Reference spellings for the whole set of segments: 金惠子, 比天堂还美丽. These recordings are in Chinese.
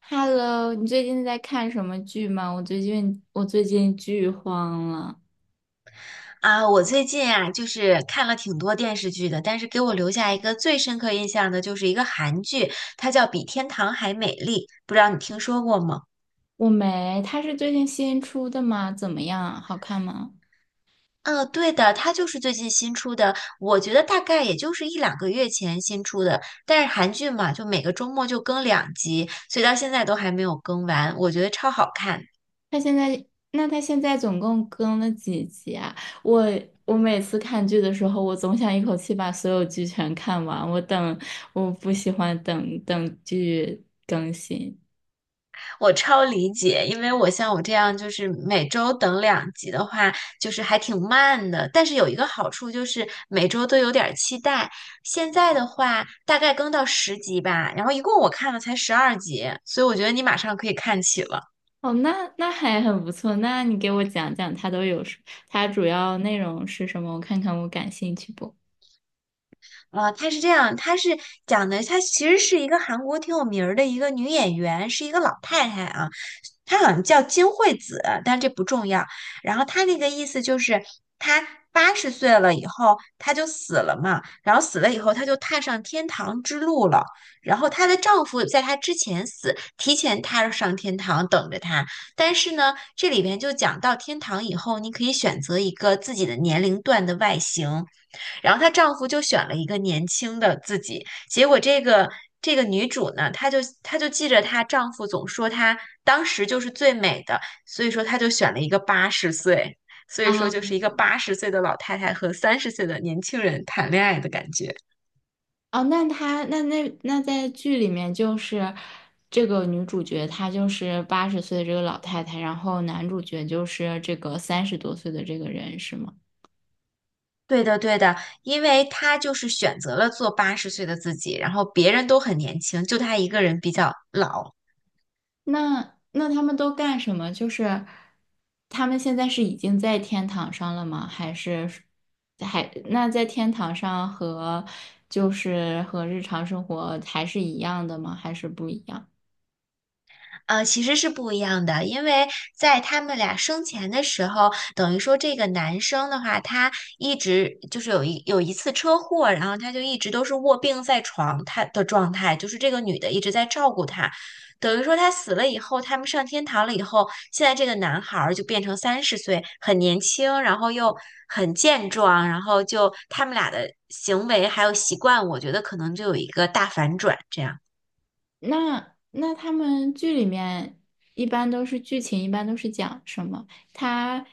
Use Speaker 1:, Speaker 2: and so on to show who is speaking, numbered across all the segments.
Speaker 1: Hello，你最近在看什么剧吗？我最近剧荒了。
Speaker 2: 啊，我最近啊，就是看了挺多电视剧的，但是给我留下一个最深刻印象的，就是一个韩剧，它叫《比天堂还美丽》，不知道你听说过吗？
Speaker 1: 我没，它是最近新出的吗？怎么样啊好看吗？
Speaker 2: 嗯，对的，它就是最近新出的，我觉得大概也就是一两个月前新出的。但是韩剧嘛，就每个周末就更两集，所以到现在都还没有更完，我觉得超好看的。
Speaker 1: 它现在，那它现在总共更了几集啊？我我每次看剧的时候，我总想一口气把所有剧全看完。我等，我不喜欢等剧更新。
Speaker 2: 我超理解，因为我像我这样，就是每周等两集的话，就是还挺慢的。但是有一个好处就是每周都有点儿期待。现在的话，大概更到10集吧，然后一共我看了才12集，所以我觉得你马上可以看起了。
Speaker 1: 哦，那那还很不错。那你给我讲讲它都有什，它主要内容是什么？我看看我感兴趣不？
Speaker 2: 啊，她是这样，她是讲的，她其实是一个韩国挺有名儿的一个女演员，是一个老太太啊，她好像叫金惠子，但这不重要。然后她那个意思就是，她八十岁了以后，她就死了嘛，然后死了以后，她就踏上天堂之路了。然后她的丈夫在她之前死，提前踏上天堂等着她。但是呢，这里边就讲到天堂以后，你可以选择一个自己的年龄段的外形。然后她丈夫就选了一个年轻的自己，结果这个女主呢，她就记着她丈夫总说她当时就是最美的，所以说她就选了一个八十岁，所以说
Speaker 1: 啊？
Speaker 2: 就是一个八十岁的老太太和三十岁的年轻人谈恋爱的感觉。
Speaker 1: 哦，那她那那那在剧里面就是这个女主角，她就是八十岁的这个老太太，然后男主角就是这个三十多岁的这个人，是吗？
Speaker 2: 对的，对的，因为她就是选择了做八十岁的自己，然后别人都很年轻，就她一个人比较老。
Speaker 1: 那那他们都干什么？就是他们现在是已经在天堂上了吗？还是还那在天堂上和就是和日常生活还是一样的吗？还是不一样？
Speaker 2: 其实是不一样的，因为在他们俩生前的时候，等于说这个男生的话，他一直就是有一次车祸，然后他就一直都是卧病在床，他的状态就是这个女的一直在照顾他，等于说他死了以后，他们上天堂了以后，现在这个男孩儿就变成三十岁，很年轻，然后又很健壮，然后就他们俩的行为还有习惯，我觉得可能就有一个大反转，这样。
Speaker 1: 那那他们剧里面一般都是剧情，一般都是讲什么？他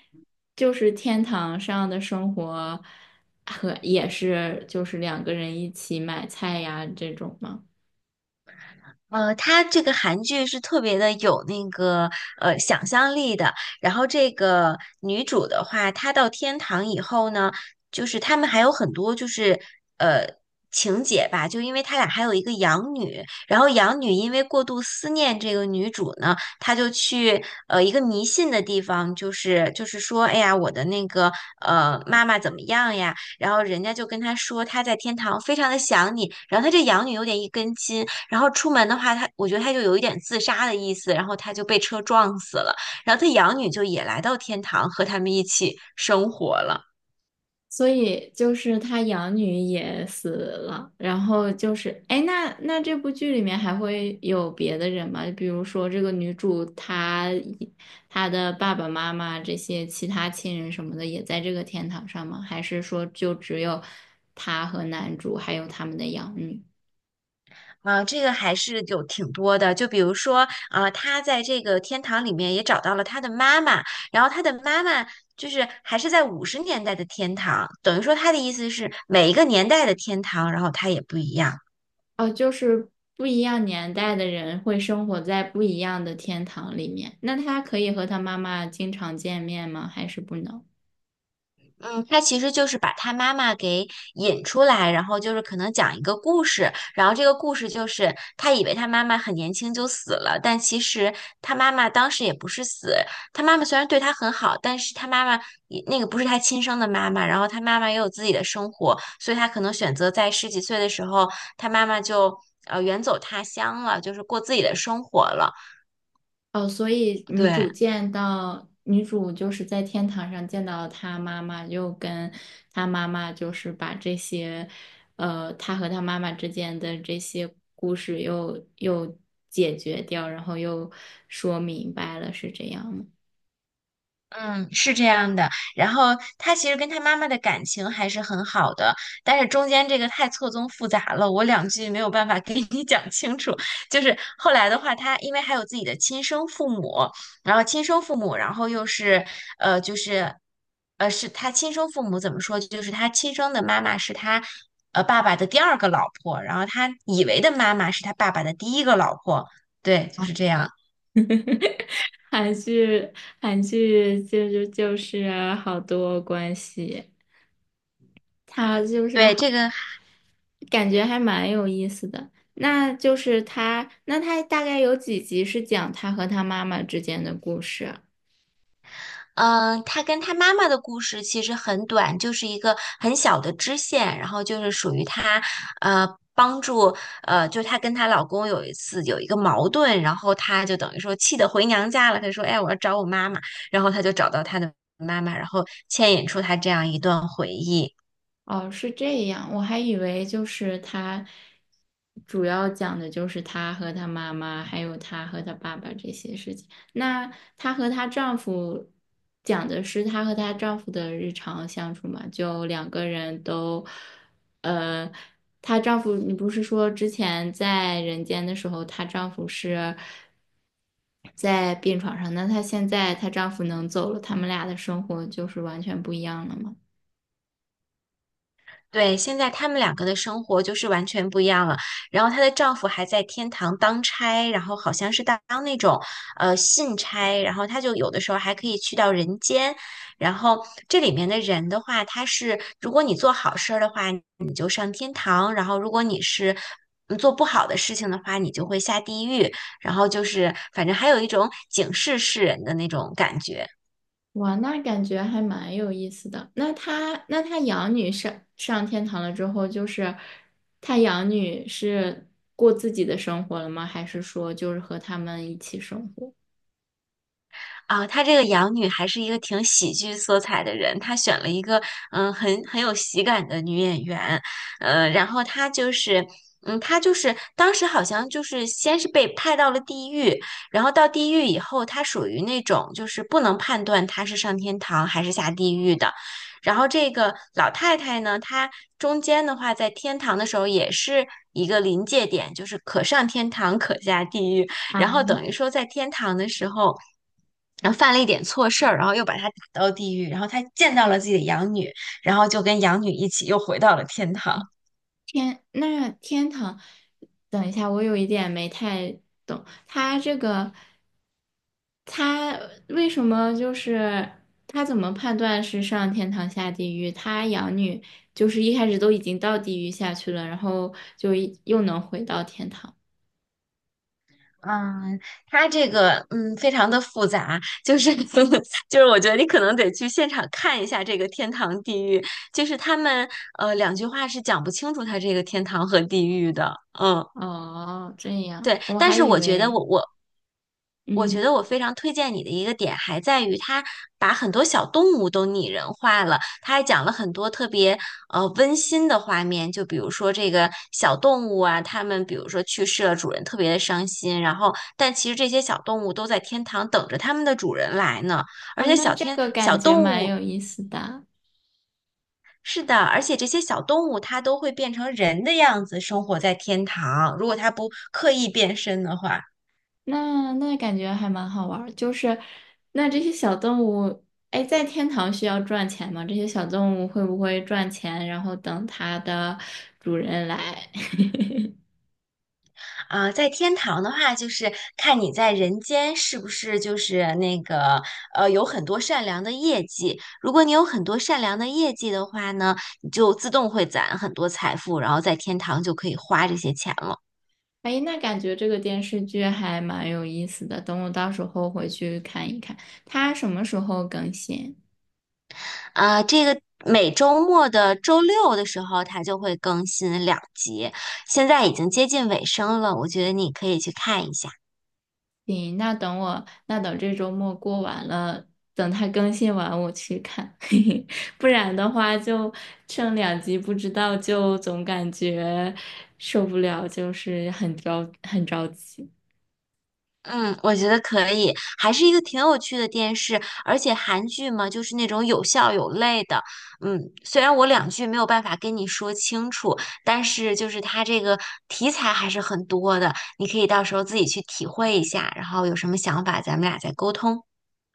Speaker 1: 就是天堂上的生活和也是就是两个人一起买菜呀这种吗？
Speaker 2: 它这个韩剧是特别的有那个想象力的。然后这个女主的话，她到天堂以后呢，就是他们还有很多就是呃情节吧，就因为他俩还有一个养女，然后养女因为过度思念这个女主呢，她就去一个迷信的地方，就是说，哎呀，我的那个妈妈怎么样呀？然后人家就跟她说，她在天堂非常的想你，然后她这养女有点一根筋。然后出门的话，他我觉得他就有一点自杀的意思，然后他就被车撞死了。然后他养女就也来到天堂和他们一起生活了。
Speaker 1: 所以就是他养女也死了，然后就是，哎，那那这部剧里面还会有别的人吗？比如说这个女主她的爸爸妈妈这些其他亲人什么的也在这个天堂上吗？还是说就只有她和男主还有他们的养女？
Speaker 2: 啊，这个还是有挺多的，就比如说，啊，他在这个天堂里面也找到了他的妈妈，然后他的妈妈就是还是在50年代的天堂，等于说他的意思是每一个年代的天堂，然后它也不一样。
Speaker 1: 哦，就是不一样年代的人会生活在不一样的天堂里面。那她可以和她妈妈经常见面吗？还是不能？
Speaker 2: 嗯，他其实就是把他妈妈给引出来，然后就是可能讲一个故事，然后这个故事就是他以为他妈妈很年轻就死了，但其实他妈妈当时也不是死，他妈妈虽然对他很好，但是他妈妈也那个不是他亲生的妈妈，然后他妈妈也有自己的生活，所以他可能选择在十几岁的时候，他妈妈就远走他乡了，就是过自己的生活了，
Speaker 1: 哦，所以女
Speaker 2: 对。
Speaker 1: 主见到女主就是在天堂上见到她妈妈，又跟她妈妈就是把这些，她和她妈妈之间的这些故事又解决掉，然后又说明白了，是这样吗？
Speaker 2: 嗯，是这样的。然后他其实跟他妈妈的感情还是很好的，但是中间这个太错综复杂了，我两句没有办法给你讲清楚。就是后来的话，他因为还有自己的亲生父母，然后又是就是是他亲生父母怎么说？就是他亲生的妈妈是他爸爸的第二个老婆，然后他以为的妈妈是他爸爸的第一个老婆。对，就是这样。
Speaker 1: 韩剧，韩剧就是好多关系，它就是
Speaker 2: 对，这
Speaker 1: 好。
Speaker 2: 个。
Speaker 1: 感觉还蛮有意思的。那就是他，那他大概有几集是讲他和他妈妈之间的故事啊？
Speaker 2: 嗯，她跟她妈妈的故事其实很短，就是一个很小的支线，然后就是属于她，呃，帮助，就她跟她老公有一次有一个矛盾，然后她就等于说气得回娘家了，她说，哎，我要找我妈妈，然后她就找到她的妈妈，然后牵引出她这样一段回忆。
Speaker 1: 哦，是这样，我还以为就是他主要讲的就是他和他妈妈，还有他和他爸爸这些事情。那她和她丈夫讲的是她和她丈夫的日常相处嘛？就两个人都，呃，她丈夫，你不是说之前在人间的时候，她丈夫是在病床上，那她现在她丈夫能走了，他们俩的生活就是完全不一样了吗？
Speaker 2: 对，现在他们两个的生活就是完全不一样了。然后她的丈夫还在天堂当差，然后好像是当那种信差，然后她就有的时候还可以去到人间。然后这里面的人的话，他是如果你做好事儿的话，你就上天堂；然后如果你是做不好的事情的话，你就会下地狱。然后就是反正还有一种警示世人的那种感觉。
Speaker 1: 哇，那感觉还蛮有意思的。那他那他养女上天堂了之后，就是他养女是过自己的生活了吗？还是说就是和他们一起生活？
Speaker 2: 啊，她这个养女还是一个挺喜剧色彩的人，她选了一个很有喜感的女演员，然后她就是。嗯，她就是当时好像就是先是被派到了地狱，然后到地狱以后，她属于那种就是不能判断她是上天堂还是下地狱的。然后这个老太太呢，她中间的话在天堂的时候也是一个临界点，就是可上天堂可下地狱。
Speaker 1: 啊，
Speaker 2: 然后等于说在天堂的时候，然后犯了一点错事儿，然后又把他打到地狱，然后他见到了自己的养女，然后就跟养女一起又回到了天堂。
Speaker 1: 天，那天堂，等一下，我有一点没太懂，他这个他为什么就是他怎么判断是上天堂下地狱？他养女就是一开始都已经到地狱下去了，然后就一又能回到天堂。
Speaker 2: 嗯，他这个非常的复杂，就是 就是我觉得你可能得去现场看一下这个天堂地狱，就是他们两句话是讲不清楚他这个天堂和地狱的，嗯。
Speaker 1: 哦，这样，
Speaker 2: 对，
Speaker 1: 我
Speaker 2: 但
Speaker 1: 还
Speaker 2: 是
Speaker 1: 以
Speaker 2: 我觉得
Speaker 1: 为，
Speaker 2: 我我觉
Speaker 1: 嗯，
Speaker 2: 得我非常推荐你的一个点，还在于他把很多小动物都拟人化了，他还讲了很多特别温馨的画面，就比如说这个小动物啊，它们比如说去世了，主人特别的伤心，然后但其实这些小动物都在天堂等着它们的主人来呢，而
Speaker 1: 啊，
Speaker 2: 且
Speaker 1: 那这个
Speaker 2: 小
Speaker 1: 感觉
Speaker 2: 动
Speaker 1: 蛮
Speaker 2: 物。
Speaker 1: 有意思的，
Speaker 2: 是的，而且这些小动物它都会变成人的样子生活在天堂，如果它不刻意变身的话。
Speaker 1: 那那感觉还蛮好玩儿，就是那这些小动物，哎，在天堂需要赚钱吗？这些小动物会不会赚钱，然后等它的主人来？
Speaker 2: 啊，在天堂的话，就是看你在人间是不是就是那个有很多善良的业绩。如果你有很多善良的业绩的话呢，你就自动会攒很多财富，然后在天堂就可以花这些钱了。
Speaker 1: 哎，那感觉这个电视剧还蛮有意思的，等我到时候回去看一看，它什么时候更新？
Speaker 2: 啊，这个每周末的周六的时候，它就会更新两集，现在已经接近尾声了，我觉得你可以去看一下。
Speaker 1: 行，那等我，那等这周末过完了，等它更新完我去看，嘿嘿，不然的话就剩两集，不知道就总感觉受不了，就是很着急。
Speaker 2: 嗯，我觉得可以，还是一个挺有趣的电视，而且韩剧嘛，就是那种有笑有泪的。嗯，虽然我两句没有办法跟你说清楚，但是就是它这个题材还是很多的，你可以到时候自己去体会一下，然后有什么想法咱们俩再沟通。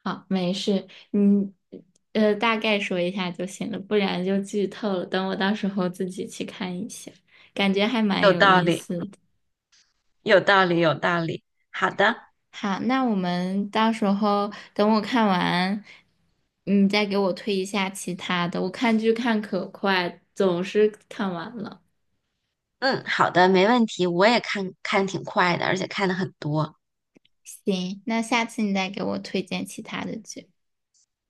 Speaker 1: 好，没事，你大概说一下就行了，不然就剧透了。等我到时候自己去看一下，感觉还蛮
Speaker 2: 有
Speaker 1: 有
Speaker 2: 道
Speaker 1: 意
Speaker 2: 理，
Speaker 1: 思的。
Speaker 2: 有道理，有道理。好的，
Speaker 1: 好，那我们到时候等我看完，你再给我推一下其他的。我看剧看可快，总是看完了。
Speaker 2: 嗯，好的，没问题。我也看看挺快的，而且看的很多。
Speaker 1: 行，那下次你再给我推荐其他的剧。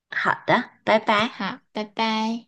Speaker 2: 好的，拜拜。
Speaker 1: 好，拜拜。